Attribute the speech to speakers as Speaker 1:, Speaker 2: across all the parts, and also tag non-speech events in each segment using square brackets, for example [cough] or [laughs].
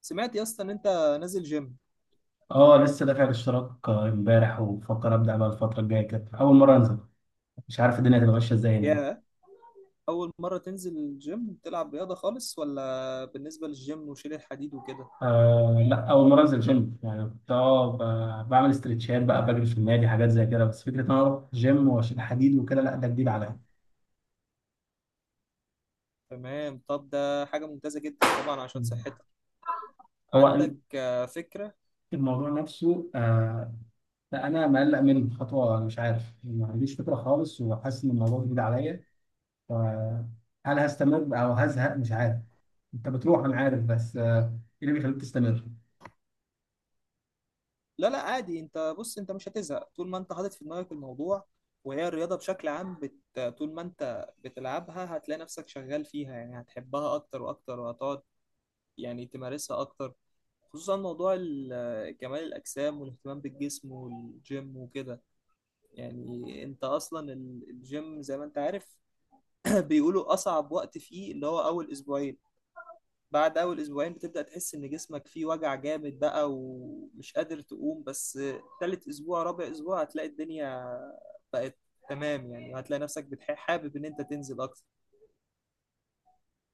Speaker 1: سمعت يا اسطى ان انت نازل جيم.
Speaker 2: اه، لسه دافع الاشتراك، امبارح وبفكر ابدا بقى الفتره الجايه كده اول مره انزل. مش عارف الدنيا هتبقى ماشيه ازاي هناك.
Speaker 1: يا اول مره تنزل الجيم تلعب رياضه خالص ولا بالنسبه للجيم وشيل الحديد وكده؟
Speaker 2: آه، لا، اول مره انزل جيم، يعني كنت بعمل استرتشات بقى، بجري في النادي، حاجات زي كده. بس فكره ان انا اروح جيم واشيل حديد وكده، لا ده جديد عليا.
Speaker 1: تمام، طب ده حاجه ممتازه جدا طبعا عشان صحتك.
Speaker 2: هو
Speaker 1: عندك فكره؟
Speaker 2: الموضوع نفسه. لا، انا مقلق من خطوه، أنا مش عارف، ما عنديش فكره خالص، وحاسس ان الموضوع جديد عليا. ف- هل هستمر او هزهق؟ مش عارف. انت بتروح انا عارف، بس ايه اللي بيخليك تستمر؟
Speaker 1: لا عادي، انت بص، انت مش هتزهق طول ما انت حاطط في دماغك الموضوع، وهي الرياضه بشكل عام طول ما انت بتلعبها هتلاقي نفسك شغال فيها، يعني هتحبها اكتر واكتر وهتقعد يعني تمارسها اكتر. خصوصا موضوع كمال الاجسام والاهتمام بالجسم والجيم وكده. يعني انت اصلا الجيم زي ما انت عارف [clears throat] بيقولوا اصعب وقت فيه اللي هو اول اسبوعين. بعد اول اسبوعين بتبدأ تحس ان جسمك فيه وجع جامد بقى ومش قادر تقوم، بس تالت اسبوع رابع اسبوع هتلاقي الدنيا بقت تمام يعني، وهتلاقي نفسك حابب ان انت تنزل اكتر.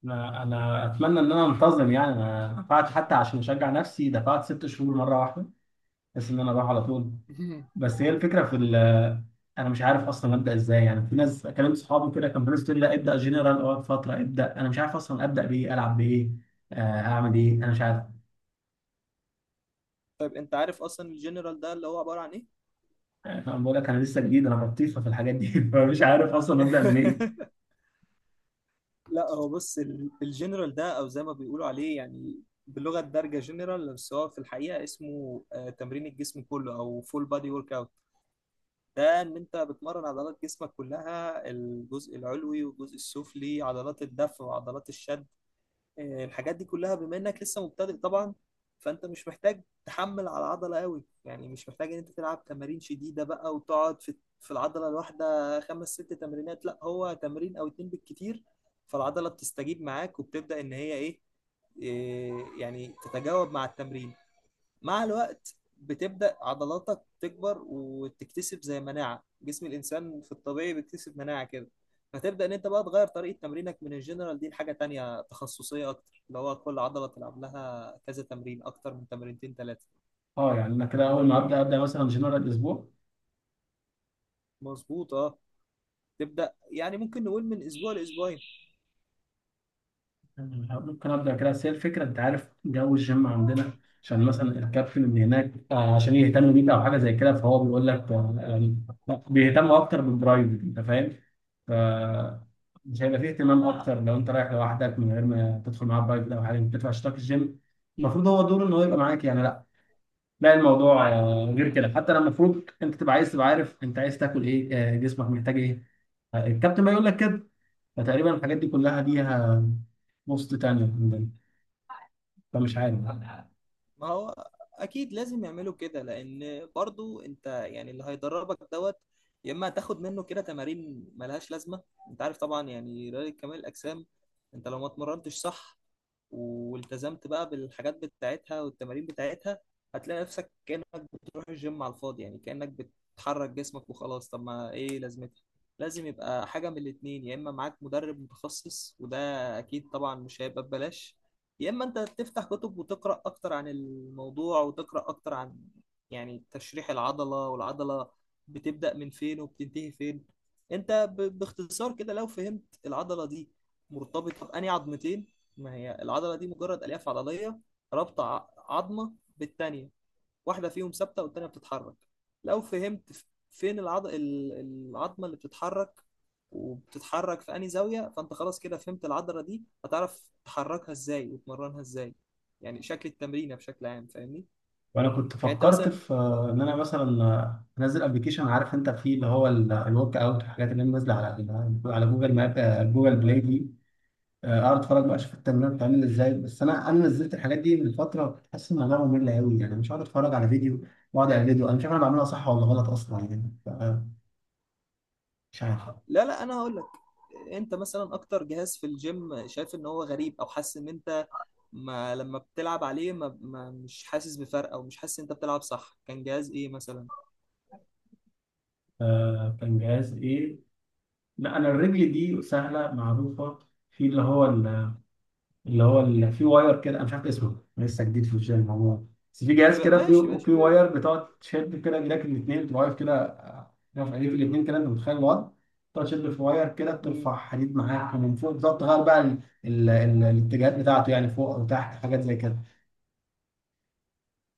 Speaker 2: أنا اتمنى ان انا انتظم، يعني انا دفعت حتى عشان اشجع نفسي، دفعت 6 شهور مره واحده. بس ان انا اروح على طول.
Speaker 1: [laughs]
Speaker 2: بس هي الفكره في ال انا مش عارف اصلا ابدا ازاي، يعني في ناس كلمت صحابي كده كان بيقولوا لي لا ابدا جنرال، اقعد فتره ابدا، انا مش عارف اصلا ابدا بايه العب بايه. آه، اعمل ايه؟ انا مش عارف.
Speaker 1: طيب انت عارف اصلا الجنرال ده اللي هو عبارة عن ايه؟
Speaker 2: انا بقول لك، انا لسه جديد، انا بطيخه في الحاجات دي [laughs] فمش عارف اصلا ابدا منين.
Speaker 1: [laughs] لا هو بص، الجنرال ده او زي ما بيقولوا عليه يعني باللغه الدارجه جنرال، بس هو في الحقيقه اسمه تمرين الجسم كله او فول بادي ورك اوت. ده ان انت بتمرن عضلات جسمك كلها، الجزء العلوي والجزء السفلي، عضلات الدفع وعضلات الشد الحاجات دي كلها. بما انك لسه مبتدئ طبعا، فانت مش محتاج تحمل على العضله قوي، يعني مش محتاج ان انت تلعب تمارين شديده بقى وتقعد في العضله الواحده خمس ست تمرينات، لا هو تمرين او اتنين بالكتير، فالعضله بتستجيب معاك وبتبدا ان هي ايه، يعني تتجاوب مع التمرين مع الوقت. بتبدأ عضلاتك تكبر وتكتسب زي مناعة جسم الإنسان في الطبيعي بيكتسب مناعة كده، فتبدأ إن أنت بقى تغير طريقة تمرينك من الجنرال دي لحاجة تانية تخصصية أكتر، اللي هو كل عضلة تلعب لها كذا تمرين، أكتر من تمرينتين تلاتة.
Speaker 2: اه، يعني انا كده اول ما
Speaker 1: فهمتني؟
Speaker 2: ابدا مثلا جنرال اسبوع.
Speaker 1: مظبوط أه. تبدأ يعني ممكن نقول من أسبوع لأسبوعين.
Speaker 2: ممكن ابدا كده، بس هي الفكره، انت عارف جو الجيم عندنا، عشان مثلا الكابتن اللي هناك عشان يهتم بيك او حاجه زي كده، فهو بيقول لك يعني لا، بيهتموا اكتر بالبرايفت، انت فاهم؟ ف مش هيبقى فيه اهتمام اكتر لو انت رايح لوحدك من غير ما تدخل معاه برايفت او حاجه. انت بتدفع اشتراك الجيم، المفروض هو دوره ان هو يبقى معاك يعني. لا، لا الموضوع غير كده، حتى لما المفروض انت تبقى عايز تبقى عارف انت عايز تاكل ايه، جسمك محتاج ايه، الكابتن ما يقول لك كده. فتقريبا الحاجات دي كلها ليها بوست تانية، فمش عارف.
Speaker 1: ما هو اكيد لازم يعملوا كده، لان برضو انت يعني اللي هيدربك دوت، يا اما هتاخد منه كده تمارين ملهاش لازمه. انت عارف طبعا يعني رياضه كمال الاجسام، انت لو ما اتمرنتش صح والتزمت بقى بالحاجات بتاعتها والتمارين بتاعتها، هتلاقي نفسك كأنك بتروح الجيم على الفاضي، يعني كأنك بتحرك جسمك وخلاص، طب ما ايه لازمتها؟ لازم يبقى حاجة من الاتنين، يا اما معاك مدرب متخصص وده اكيد طبعا مش هيبقى ببلاش، يا اما انت تفتح كتب وتقرأ اكتر عن الموضوع، وتقرأ اكتر عن يعني تشريح العضلة، والعضلة بتبدأ من فين وبتنتهي فين. انت باختصار كده لو فهمت العضلة دي مرتبطة بأنهي عظمتين، ما هي العضلة دي مجرد ألياف عضلية رابطة عظمة بالتانية، واحدة فيهم ثابتة والتانية بتتحرك. لو فهمت فين العظمة اللي بتتحرك، وبتتحرك في أنهي زاوية، فأنت خلاص كده فهمت العضلة دي، هتعرف تحركها إزاي وتمرنها إزاي، يعني شكل التمرينة بشكل عام، فاهمني؟
Speaker 2: وانا كنت
Speaker 1: يعني أنت
Speaker 2: فكرت
Speaker 1: مثلا.
Speaker 2: في ان انا مثلا انزل ابلكيشن، عارف انت فيه اللي هو الورك اوت والحاجات اللي نازله على جوجل ماب، جوجل بلاي دي، اقعد اتفرج بقى اشوف التمرين بتعمل ازاي. بس انا نزلت الحاجات دي من فتره، كنت حاسس ان انا ممل قوي، يعني مش هقعد اتفرج على فيديو واقعد على فيديو انا مش عارف انا بعملها صح ولا غلط اصلا، يعني. مش عارف.
Speaker 1: لا انا هقول لك. انت مثلا اكتر جهاز في الجيم شايف ان هو غريب او حاسس ان انت ما لما بتلعب عليه ما مش حاسس بفرق او مش حاسس ان انت بتلعب صح، كان جهاز ايه مثلا؟
Speaker 2: كان جهاز ايه؟ لا، انا الرجل دي سهله معروفه. في اللي هو اللي فيه واير كده، انا مش عارف اسمه، لسه جديد في الجيم هو. بس في جهاز كده
Speaker 1: ماشي
Speaker 2: فيه
Speaker 1: ماشي
Speaker 2: فيه واير بتقعد تشد كده ايدك الاثنين، بتبقى واقف كده، واقف ايديك الاثنين كده، انت متخيل الوضع؟ تقعد تشد في واير كده،
Speaker 1: مم،
Speaker 2: بترفع حديد معاك، ومن فوق بتقعد تغير بقى الاتجاهات بتاعته، يعني فوق او تحت، حاجات زي كده.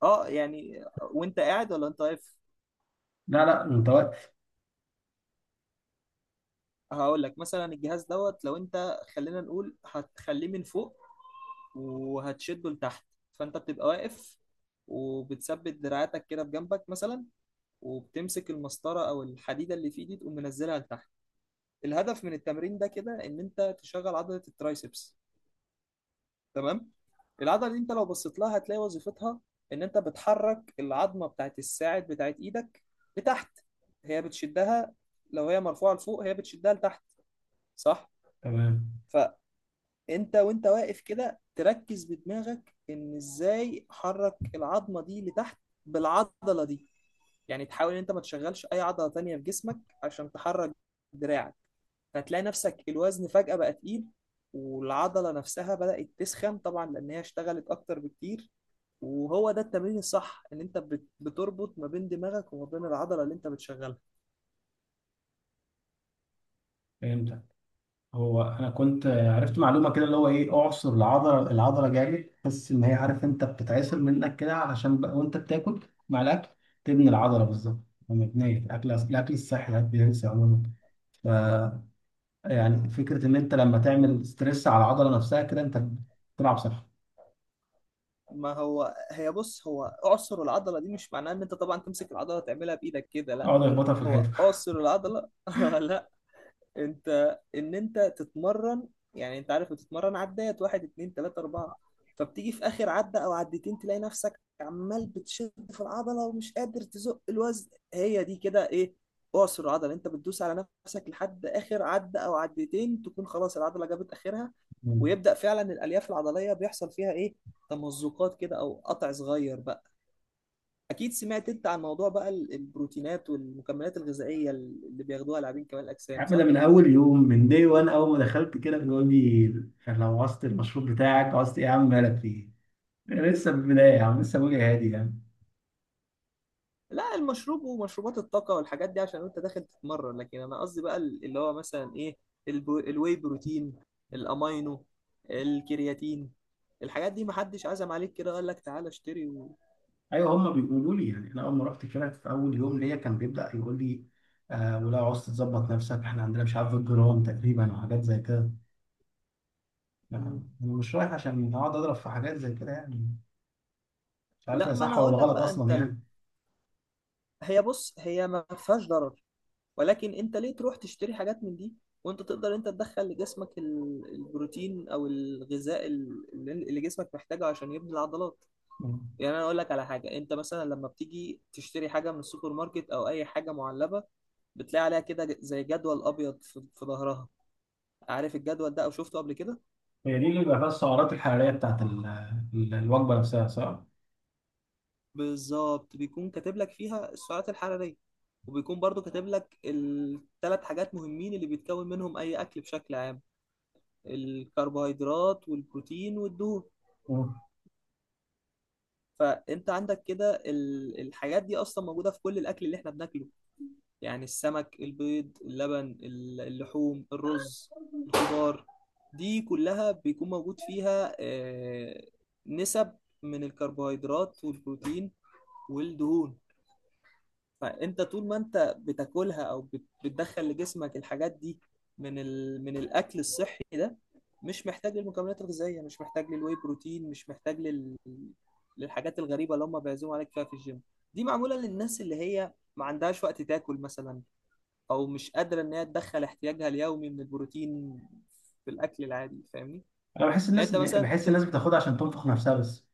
Speaker 1: اه يعني وانت قاعد ولا انت واقف؟
Speaker 2: لا، لا متوقع.
Speaker 1: هقول لك مثلا الجهاز دوت، لو انت خلينا نقول هتخليه من فوق وهتشده لتحت، فانت بتبقى واقف وبتثبت دراعاتك كده بجنبك مثلا، وبتمسك المسطرة او الحديدة اللي في ايدي تقوم منزلها لتحت. الهدف من التمرين ده كده ان انت تشغل عضله الترايسبس، تمام؟ العضله دي انت لو بصيت لها هتلاقي وظيفتها ان انت بتحرك العظمه بتاعت الساعد بتاعت ايدك لتحت، هي بتشدها. لو هي مرفوعه لفوق هي بتشدها لتحت، صح؟
Speaker 2: تمام.
Speaker 1: فانت وانت واقف كده تركز بدماغك ان ازاي حرك العظمه دي لتحت بالعضله دي. يعني تحاول ان انت ما تشغلش اي عضلة تانية في جسمك عشان تحرك دراعك، فتلاقي نفسك الوزن فجأة بقى تقيل، والعضلة نفسها بدأت تسخن طبعا لأن هي اشتغلت أكتر بكتير، وهو ده التمرين الصح، إن أنت بتربط ما بين دماغك وما بين العضلة اللي أنت بتشغلها.
Speaker 2: فهمت. هو انا كنت عرفت معلومه كده، اللي هو ايه، اعصر العضله، العضله جامد تحس ان هي، عارف انت بتتعصر منك كده علشان بقى، وانت بتاكل مع الاكل تبني العضله بالظبط. مبنيه الاكل، الصحي ده بينسى عموما. ف يعني فكره ان انت لما تعمل ستريس على العضله نفسها كده، انت بتلعب صح.
Speaker 1: ما هو هي بص، هو أعصر العضلة دي مش معناه إن أنت طبعا تمسك العضلة تعملها بإيدك كده، لا.
Speaker 2: اقعد اخبطها في
Speaker 1: هو
Speaker 2: الحيطه.
Speaker 1: أعصر العضلة [laughs] لا انت ان انت تتمرن، يعني انت عارف بتتمرن عدات واحد اتنين تلاتة اربعة، فبتيجي في اخر عدة او عدتين تلاقي نفسك عمال بتشد في العضلة ومش قادر تزق الوزن، هي دي كده ايه اعصر العضلة. انت بتدوس على نفسك لحد اخر عدة او عدتين تكون خلاص العضلة جابت اخرها،
Speaker 2: مم.
Speaker 1: ويبدأ فعلا الالياف العضلية بيحصل فيها ايه، تمزقات كده او قطع صغير بقى. اكيد سمعت انت عن موضوع بقى البروتينات والمكملات الغذائية اللي بياخدوها لاعبين كمال
Speaker 2: يا
Speaker 1: الاجسام،
Speaker 2: عم، ده
Speaker 1: صح؟
Speaker 2: من اول يوم من دي، وان اول ما دخلت كده بيقول لي: لو عوزت المشروب بتاعك، عوزت ايه يا عم، مالك فيه، لسه في البدايه يا عم، لسه بقولي هادي يعني.
Speaker 1: لا المشروب ومشروبات الطاقة والحاجات دي عشان انت داخل تتمرن، لكن انا قصدي بقى اللي هو مثلا ايه، الواي بروتين، الامينو، الكرياتين، الحاجات دي محدش عزم عليك كده قال لك تعالى اشتري و...
Speaker 2: ايوه، هم بيقولوا لي، يعني انا اول ما رحت كده في اول يوم ليا كان بيبدا يقول لي: آه، ولا عاوز تظبط نفسك، احنا عندنا مش عارف الجرام تقريبا، وحاجات زي كده يعني.
Speaker 1: مم.
Speaker 2: انا مش رايح عشان اقعد اضرب في حاجات زي كده يعني، مش عارف
Speaker 1: لا
Speaker 2: هي
Speaker 1: ما
Speaker 2: صح
Speaker 1: انا
Speaker 2: ولا
Speaker 1: هقول لك
Speaker 2: غلط
Speaker 1: بقى انت
Speaker 2: اصلا يعني.
Speaker 1: هي بص هي ما فيهاش ضرر، ولكن انت ليه تروح تشتري حاجات من دي وانت تقدر انت تدخل لجسمك البروتين او الغذاء اللي اللي جسمك محتاجه عشان يبني العضلات.
Speaker 2: مم.
Speaker 1: يعني انا اقول لك على حاجه، انت مثلا لما بتيجي تشتري حاجه من السوبر ماركت او اي حاجه معلبه، بتلاقي عليها كده زي جدول ابيض في ظهرها، عارف الجدول ده او شفته قبل كده؟
Speaker 2: هي دي اللي بيبقى فيها السعرات الحراريه بتاعت الوجبه نفسها، صح؟
Speaker 1: بالظبط، بيكون كاتب لك فيها السعرات الحراريه، وبيكون برضو كاتب لك الثلاث حاجات مهمين اللي بيتكون منهم اي اكل بشكل عام، الكربوهيدرات والبروتين والدهون.
Speaker 2: مم.
Speaker 1: فانت عندك كده الحاجات دي اصلا موجوده في كل الاكل اللي احنا بناكله، يعني السمك البيض اللبن اللحوم الرز الخضار، دي كلها بيكون موجود فيها نسب من الكربوهيدرات والبروتين والدهون. فانت طول ما انت بتاكلها او بتدخل لجسمك الحاجات دي من من الاكل الصحي ده، مش محتاج للمكملات الغذائيه، مش محتاج للواي بروتين، مش محتاج للحاجات الغريبه اللي هم بيعزموا عليك فيها في الجيم. دي معموله للناس اللي هي ما عندهاش وقت تاكل مثلا، او مش قادره ان هي تدخل احتياجها اليومي من البروتين في الاكل العادي، فاهمني؟
Speaker 2: انا بحس
Speaker 1: يعني
Speaker 2: الناس
Speaker 1: انت مثلا
Speaker 2: بحس الناس بتاخدها عشان تنفخ نفسها بس.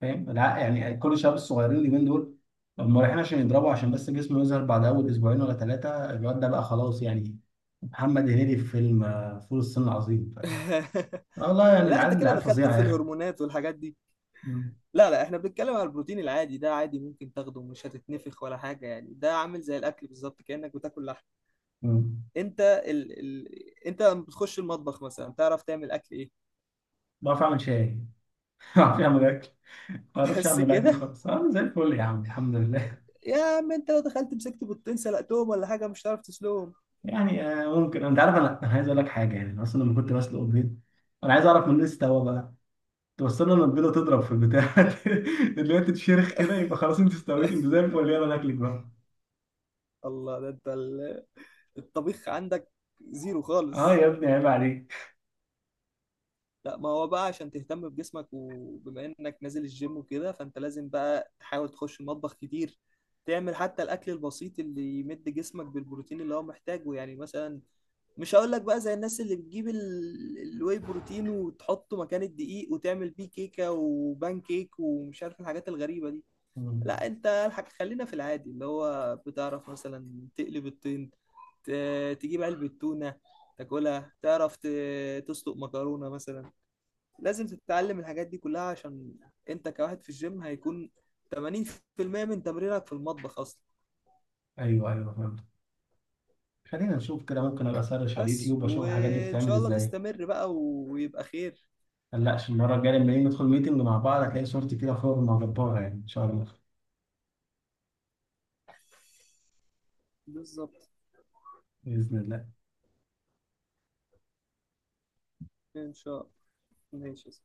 Speaker 2: فاهم؟ لا، يعني كل الشباب الصغيرين اليومين دول، هم رايحين عشان يضربوا عشان بس جسمه يظهر. بعد اول اسبوعين ولا ثلاثه الواد ده بقى خلاص، يعني محمد هنيدي في فيلم فول الصين العظيم.
Speaker 1: [laughs]
Speaker 2: آه والله، يعني
Speaker 1: لا انت
Speaker 2: العيال
Speaker 1: كده
Speaker 2: العيال
Speaker 1: دخلت
Speaker 2: فظيعه يا
Speaker 1: في
Speaker 2: اخي.
Speaker 1: الهرمونات والحاجات دي.
Speaker 2: مم.
Speaker 1: لا احنا بنتكلم على البروتين العادي ده، عادي ممكن تاخده مش هتتنفخ ولا حاجه، يعني ده عامل زي الاكل بالظبط كانك بتاكل لحم.
Speaker 2: مم.
Speaker 1: انت انت لما بتخش المطبخ مثلا تعرف تعمل اكل ايه؟
Speaker 2: بعرف اعمل شاي، [laughs] بعرف اعمل اكل. ما
Speaker 1: [laughs]
Speaker 2: بعرفش
Speaker 1: بس
Speaker 2: اعمل اكل
Speaker 1: كده؟
Speaker 2: خالص، انا زي الفل يا عم الحمد لله.
Speaker 1: يا عم انت لو دخلت مسكت بيضتين سلقتهم ولا حاجه مش هتعرف تسلقهم.
Speaker 2: [laughs] يعني، ممكن، انت عارف انا عايز اقول لك حاجه، يعني أنا اصلا لما كنت بسلق البيض، انا عايز اعرف من الناس استوى بقى، توصلنا ان البيضه تضرب في البتاع [laughs] اللي هي تتشرخ كده، يبقى خلاص انت استويت، انت
Speaker 1: [laughs]
Speaker 2: زي الفل، يلا ناكلك بقى.
Speaker 1: الله، ده انت الطبيخ عندك زيرو
Speaker 2: اه
Speaker 1: خالص.
Speaker 2: يا ابني، عيب عليك.
Speaker 1: لا ما هو بقى عشان تهتم بجسمك وبما انك نازل الجيم وكده، فانت لازم بقى تحاول تخش المطبخ كتير، تعمل حتى الاكل البسيط اللي يمد جسمك بالبروتين اللي هو محتاجه، يعني مثلا مش هقول لك بقى زي الناس اللي بتجيب الواي بروتين وتحطه مكان الدقيق وتعمل بيه كيكة وبان كيك ومش عارف الحاجات الغريبة دي،
Speaker 2: مم.
Speaker 1: لا انت الحاج خلينا في العادي، اللي هو بتعرف مثلا تقلب الطين، تجيب علبة تونة تاكلها، تعرف تسلق مكرونة مثلا. لازم تتعلم الحاجات دي كلها، عشان انت كواحد في الجيم هيكون 80% من تمرينك في المطبخ اصلا.
Speaker 2: ايوه، ايوه، فهمت. خلينا نشوف كده، ممكن ابقى اسرش على
Speaker 1: بس
Speaker 2: اليوتيوب اشوف الحاجات دي
Speaker 1: وان
Speaker 2: بتتعمل
Speaker 1: شاء الله
Speaker 2: ازاي.
Speaker 1: تستمر بقى ويبقى خير.
Speaker 2: قلقش، المرة الجاية لما نيجي ندخل ميتنج مع بعض، هتلاقي صورتي كده فورمة جبارة، يعني إن شاء الله.
Speaker 1: بالظبط،
Speaker 2: بإذن الله.
Speaker 1: ان شاء الله. ماشي.